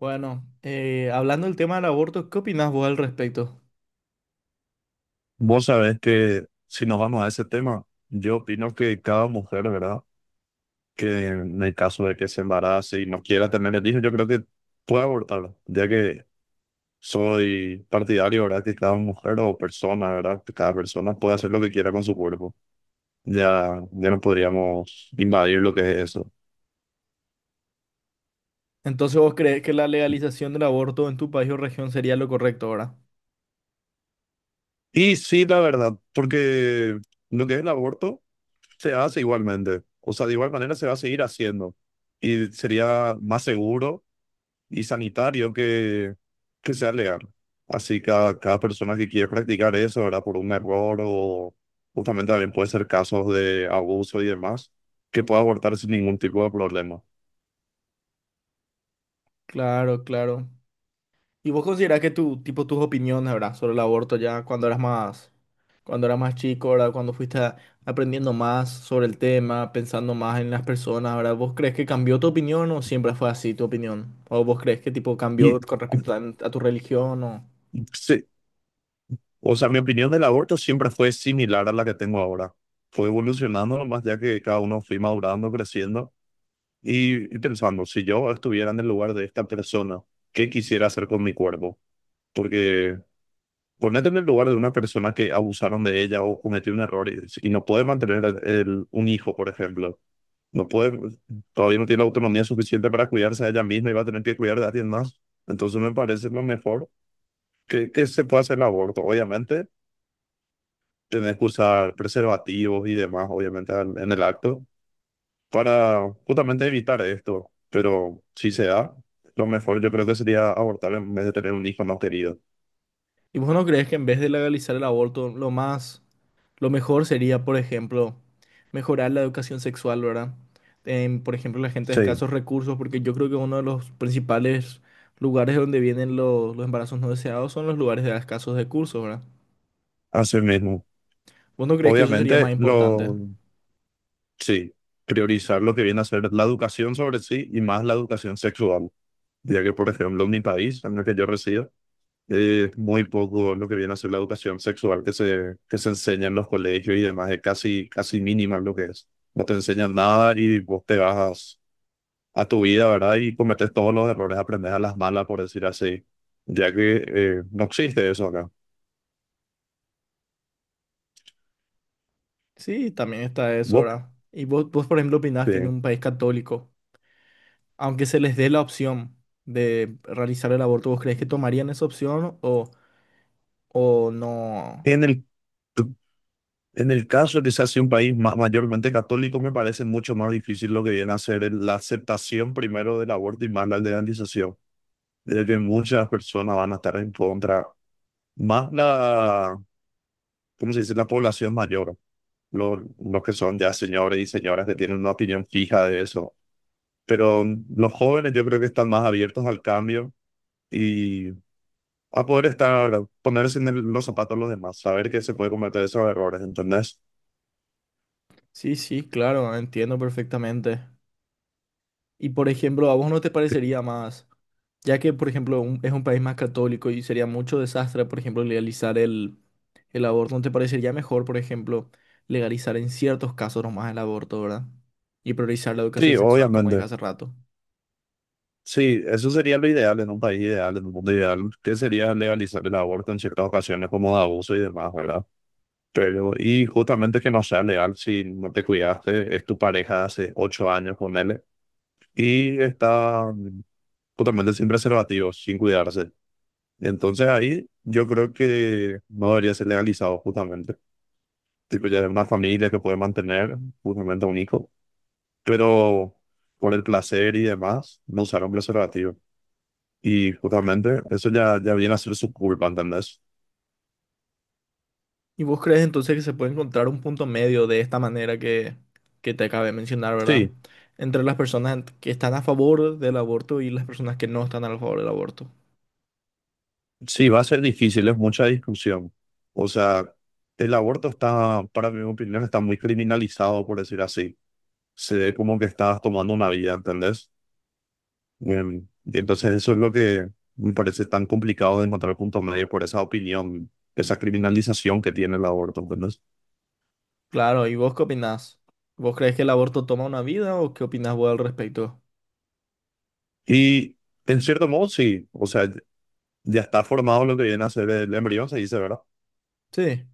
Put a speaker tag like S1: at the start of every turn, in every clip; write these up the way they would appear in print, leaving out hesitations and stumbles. S1: Bueno, hablando del tema del aborto, ¿qué opinás vos al respecto?
S2: Vos sabés que si nos vamos a ese tema, yo opino que cada mujer, ¿verdad? Que en el caso de que se embarace y no quiera tener el hijo, yo creo que puede abortarlo, ya que soy partidario, ¿verdad? Que cada mujer o persona, ¿verdad? Que cada persona puede hacer lo que quiera con su cuerpo. Ya, ya no podríamos invadir lo que es eso.
S1: Entonces, ¿vos crees que la legalización del aborto en tu país o región sería lo correcto, verdad?
S2: Y sí, la verdad, porque lo que es el aborto se hace igualmente. O sea, de igual manera se va a seguir haciendo. Y sería más seguro y sanitario que sea legal. Así que a cada persona que quiere practicar eso, ¿verdad? Por un error o justamente también puede ser casos de abuso y demás, que pueda abortar sin ningún tipo de problema.
S1: Claro, claro. ¿Y vos considerás que tipo, tus opiniones, verdad, sobre el aborto ya cuando eras más chico, ¿verdad? Cuando aprendiendo más sobre el tema, pensando más en las personas, ¿verdad? ¿Vos crees que cambió tu opinión o siempre fue así tu opinión? ¿O vos crees que tipo cambió
S2: Y
S1: con respecto a tu religión o...
S2: sí, o sea, mi opinión del aborto siempre fue similar a la que tengo ahora. Fue evolucionando más ya que cada uno fui madurando, creciendo y pensando, si yo estuviera en el lugar de esta persona, ¿qué quisiera hacer con mi cuerpo? Porque Ponete en el lugar de una persona que abusaron de ella o cometió un error y no puede mantener un hijo, por ejemplo. No puede, todavía no tiene la autonomía suficiente para cuidarse de ella misma y va a tener que cuidar de alguien más. Entonces me parece lo mejor que se pueda hacer el aborto. Obviamente, tenés que usar preservativos y demás, obviamente, en el acto, para justamente evitar esto. Pero si se da, lo mejor yo creo que sería abortar en vez de tener un hijo no querido.
S1: ¿Y vos no crees que en vez de legalizar el aborto, lo más lo mejor sería, por ejemplo, mejorar la educación sexual, ¿verdad? En, por ejemplo, la gente de
S2: Sí,
S1: escasos recursos, porque yo creo que uno de los principales lugares donde vienen los embarazos no deseados son los lugares de escasos recursos, ¿verdad?
S2: así mismo.
S1: ¿Vos no crees que eso sería
S2: Obviamente,
S1: más importante?
S2: sí, priorizar lo que viene a ser la educación sobre sí y más la educación sexual, ya que, por ejemplo, en mi país, en el que yo resido, es muy poco lo que viene a ser la educación sexual que que se enseña en los colegios y demás, es casi, casi mínima lo que es. No te enseñan nada y vos te vas a tu vida, ¿verdad? Y cometes todos los errores, aprendes a las malas, por decir así, ya que no existe eso acá.
S1: Sí, también está eso,
S2: Vos,
S1: ¿verdad? Y vos, por ejemplo, opinás que en
S2: eh,
S1: un país católico, aunque se les dé la opción de realizar el aborto, ¿vos crees que tomarían esa opción o no?
S2: en el En el caso de que sea así un país mayormente católico, me parece mucho más difícil lo que viene a ser la aceptación primero del aborto y más la legalización, de que muchas personas van a estar en contra, más la, ¿cómo se dice?, la población mayor, los que son ya señores y señoras que tienen una opinión fija de eso. Pero los jóvenes yo creo que están más abiertos al cambio y a poder estar, ponerse en los zapatos de los demás, saber que se puede cometer esos errores, ¿entendés?
S1: Sí, sí, claro, entiendo perfectamente. Y por ejemplo, ¿a vos no te parecería más, ya que por ejemplo es un país más católico y sería mucho desastre, por ejemplo, legalizar el aborto, ¿no te parecería mejor, por ejemplo, legalizar en ciertos casos nomás el aborto, ¿verdad? Y priorizar la educación
S2: Sí,
S1: sexual, como dije
S2: obviamente.
S1: hace rato.
S2: Sí, eso sería lo ideal en un país ideal, en un mundo ideal, que sería legalizar el aborto en ciertas ocasiones como de abuso y demás, ¿verdad? Pero, y justamente que no sea legal si no te cuidaste, es tu pareja de hace 8 años, ponele, y está justamente sin preservativos, sin cuidarse. Entonces ahí yo creo que no debería ser legalizado justamente. Tipo, ya es una familia que puede mantener justamente a un hijo, pero por el placer y demás, no usar un preservativo. Y justamente eso ya, ya viene a ser su culpa, ¿entendés?
S1: ¿Y vos crees entonces que se puede encontrar un punto medio de esta manera que te acabé de mencionar, ¿verdad?
S2: Sí,
S1: Entre las personas que están a favor del aborto y las personas que no están a favor del aborto.
S2: sí, va a ser difícil, es mucha discusión. O sea, el aborto está, para mi opinión, está muy criminalizado, por decir así. Se ve como que estás tomando una vida, ¿entendés? Y entonces eso es lo que me parece tan complicado de encontrar punto medio por esa opinión, esa criminalización que tiene el aborto, ¿entendés?
S1: Claro, ¿y vos qué opinás? ¿Vos crees que el aborto toma una vida o qué opinás vos al respecto?
S2: Y en cierto modo, sí, o sea, ya está formado lo que viene a ser el embrión, se dice, ¿verdad?
S1: Sí.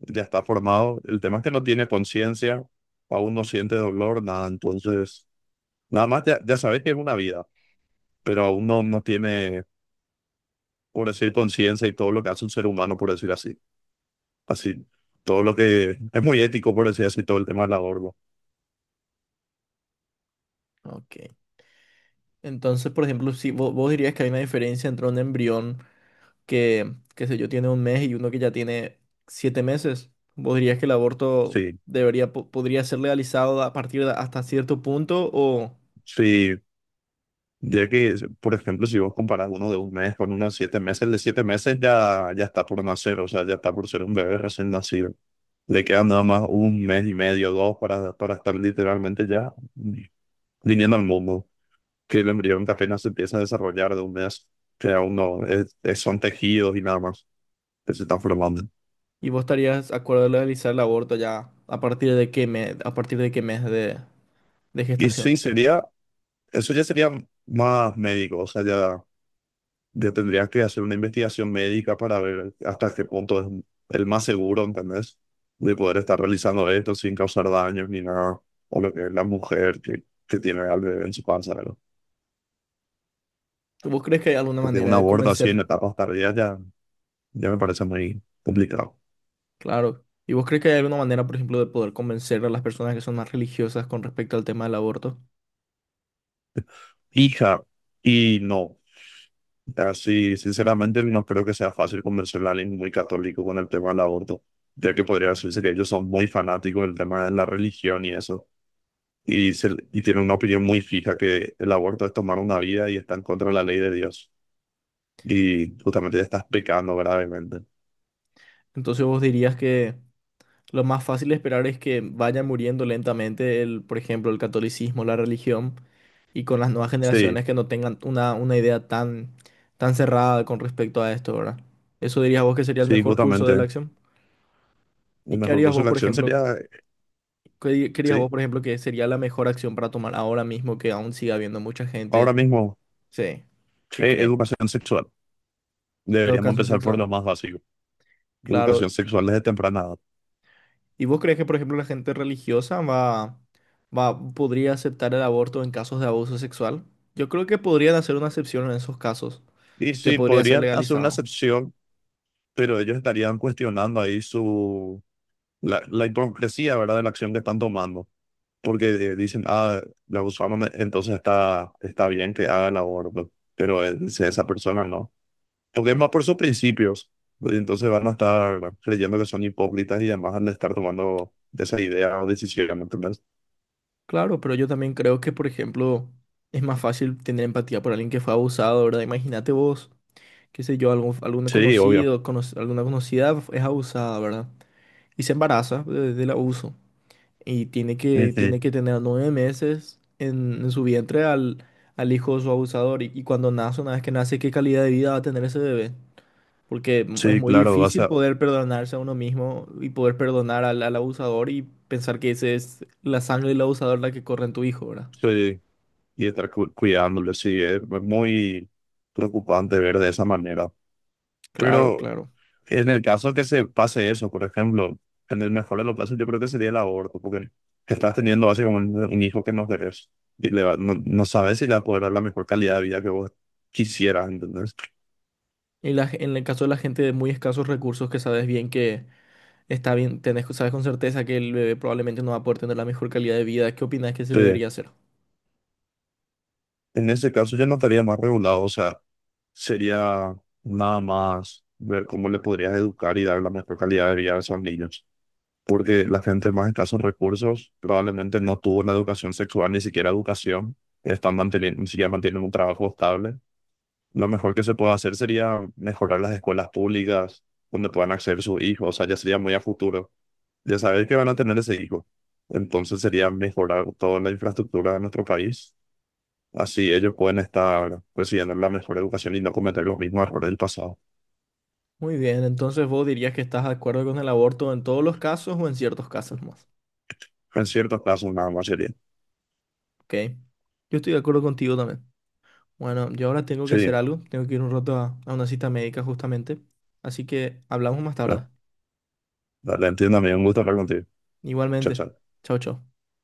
S2: Ya está formado. El tema es que no tiene conciencia, aún no siente dolor, nada. Entonces, nada más ya, ya sabes que es una vida, pero aún no, no tiene, por decir, conciencia y todo lo que hace un ser humano, por decir así. Así, todo lo que es muy ético, por decir así, todo el tema del aborto.
S1: Ok. Entonces, por ejemplo, si vos, vos dirías que hay una diferencia entre un embrión que, qué sé yo, tiene un mes y uno que ya tiene siete meses, ¿vos dirías que el aborto
S2: Sí,
S1: podría ser legalizado a partir de hasta cierto punto o
S2: sí. Ya que, por ejemplo, si vos comparás uno de un mes con uno de 7 meses, el de 7 meses ya, ya está por nacer, o sea, ya está por ser un bebé recién nacido. Le quedan nada más un mes y medio, dos, para estar literalmente ya viniendo al mundo, que el embrión que apenas se empieza a desarrollar de un mes, que aún no, son tejidos y nada más que se están formando.
S1: y vos estarías de acuerdo de legalizar el aborto ya a partir de qué mes, a partir de qué mes de
S2: Y
S1: gestación?
S2: sí, sería, eso ya sería más médico, o sea, ya, ya tendrías que hacer una investigación médica para ver hasta qué punto es el más seguro, ¿entendés? De poder estar realizando esto sin causar daños ni nada, o lo que es la mujer que tiene al bebé en su panza, ¿verdad?
S1: ¿Vos crees que hay alguna
S2: Porque un
S1: manera de
S2: aborto así en
S1: convencer
S2: etapas tardías ya, ya me parece muy complicado.
S1: claro. ¿Y vos crees que hay alguna manera, por ejemplo, de poder convencer a las personas que son más religiosas con respecto al tema del aborto?
S2: Hija, y no. Así, sinceramente, no creo que sea fácil convencer a alguien muy católico con el tema del aborto, ya que podría decirse que ellos son muy fanáticos del tema de la religión y eso, y, y tienen una opinión muy fija que el aborto es tomar una vida y está en contra de la ley de Dios, y justamente ya estás pecando gravemente.
S1: Entonces vos dirías que lo más fácil de esperar es que vaya muriendo lentamente el, por ejemplo, el catolicismo, la religión, y con las nuevas
S2: Sí,
S1: generaciones que no tengan una idea tan, tan cerrada con respecto a esto, ¿verdad? ¿Eso dirías vos que sería el
S2: sí,
S1: mejor curso de la
S2: justamente.
S1: acción?
S2: Un
S1: ¿Y qué
S2: mejor
S1: harías
S2: curso
S1: vos,
S2: de
S1: por
S2: acción
S1: ejemplo,
S2: sería,
S1: qué dirías vos,
S2: sí,
S1: por ejemplo, que sería la mejor acción para tomar ahora mismo que aún siga habiendo mucha gente,
S2: ahora mismo,
S1: sí, que cree en
S2: educación sexual.
S1: la
S2: Deberíamos
S1: educación
S2: empezar por
S1: sexual?
S2: lo más básico,
S1: Claro.
S2: educación sexual desde temprana edad.
S1: ¿Y vos crees que, por ejemplo, la gente religiosa va, podría aceptar el aborto en casos de abuso sexual? Yo creo que podrían hacer una excepción en esos casos,
S2: Y
S1: que
S2: sí,
S1: podría ser
S2: podrían hacer una
S1: legalizado.
S2: excepción pero ellos estarían cuestionando ahí su, la hipocresía, ¿verdad?, de la acción que están tomando. Porque dicen, ah, la usamos, entonces está, está bien que haga el aborto, pero esa persona no. Porque es más por sus principios. Y entonces van a estar creyendo que son hipócritas y además van a estar tomando esa idea o decisión, ¿entendés?
S1: Claro, pero yo también creo que, por ejemplo, es más fácil tener empatía por alguien que fue abusado, ¿verdad? Imagínate vos, qué sé yo, algún
S2: Sí, obvio.
S1: conocido, alguna conocida es abusada, ¿verdad? Y se embaraza del abuso. Y
S2: Ujú.
S1: tiene que tener 9 meses en su vientre al hijo de su abusador. Y cuando nace, una vez que nace, ¿qué calidad de vida va a tener ese bebé? Porque es
S2: Sí,
S1: muy
S2: claro, vas
S1: difícil
S2: a
S1: poder perdonarse a uno mismo y poder perdonar al abusador y pensar que ese es la sangre del abusador la que corre en tu hijo, ¿verdad?
S2: sí, y estar cuidándole, sí, es muy preocupante ver de esa manera.
S1: Claro,
S2: Pero
S1: claro.
S2: en el caso que se pase eso, por ejemplo, en el mejor de los casos, yo creo que sería el aborto, porque estás teniendo básicamente un hijo que no querés y no, no sabes si le va a poder dar la mejor calidad de vida que vos quisieras, ¿entendés?
S1: Y la en el caso de la gente de muy escasos recursos que sabes bien que está bien, tenés, sabes con certeza que el bebé probablemente no va a poder tener la mejor calidad de vida, ¿qué opinas que se
S2: Sí.
S1: debería hacer?
S2: En ese caso ya no estaría más regulado, o sea, sería nada más ver cómo le podrías educar y dar la mejor calidad de vida a esos niños, porque la gente más escasos recursos probablemente no tuvo una educación sexual, ni siquiera educación, están manteniendo, ni siquiera mantienen un trabajo estable. Lo mejor que se puede hacer sería mejorar las escuelas públicas donde puedan acceder sus hijos, o sea, ya sería muy a futuro. Ya saber que van a tener ese hijo. Entonces sería mejorar toda la infraestructura de nuestro país. Así ellos pueden estar recibiendo la mejor educación y no cometer los mismos errores del pasado.
S1: Muy bien, entonces vos dirías que estás de acuerdo con el aborto en todos los casos o en ciertos casos más.
S2: En ciertos casos nada más sería.
S1: Ok. Yo estoy de acuerdo contigo también. Bueno, yo ahora tengo que hacer
S2: Sí,
S1: algo. Tengo que ir un rato a una cita médica justamente. Así que hablamos más
S2: bueno,
S1: tarde.
S2: dale, entiendo, amigo. Un gusto hablar contigo. Chao,
S1: Igualmente.
S2: chao.
S1: Chao, chao.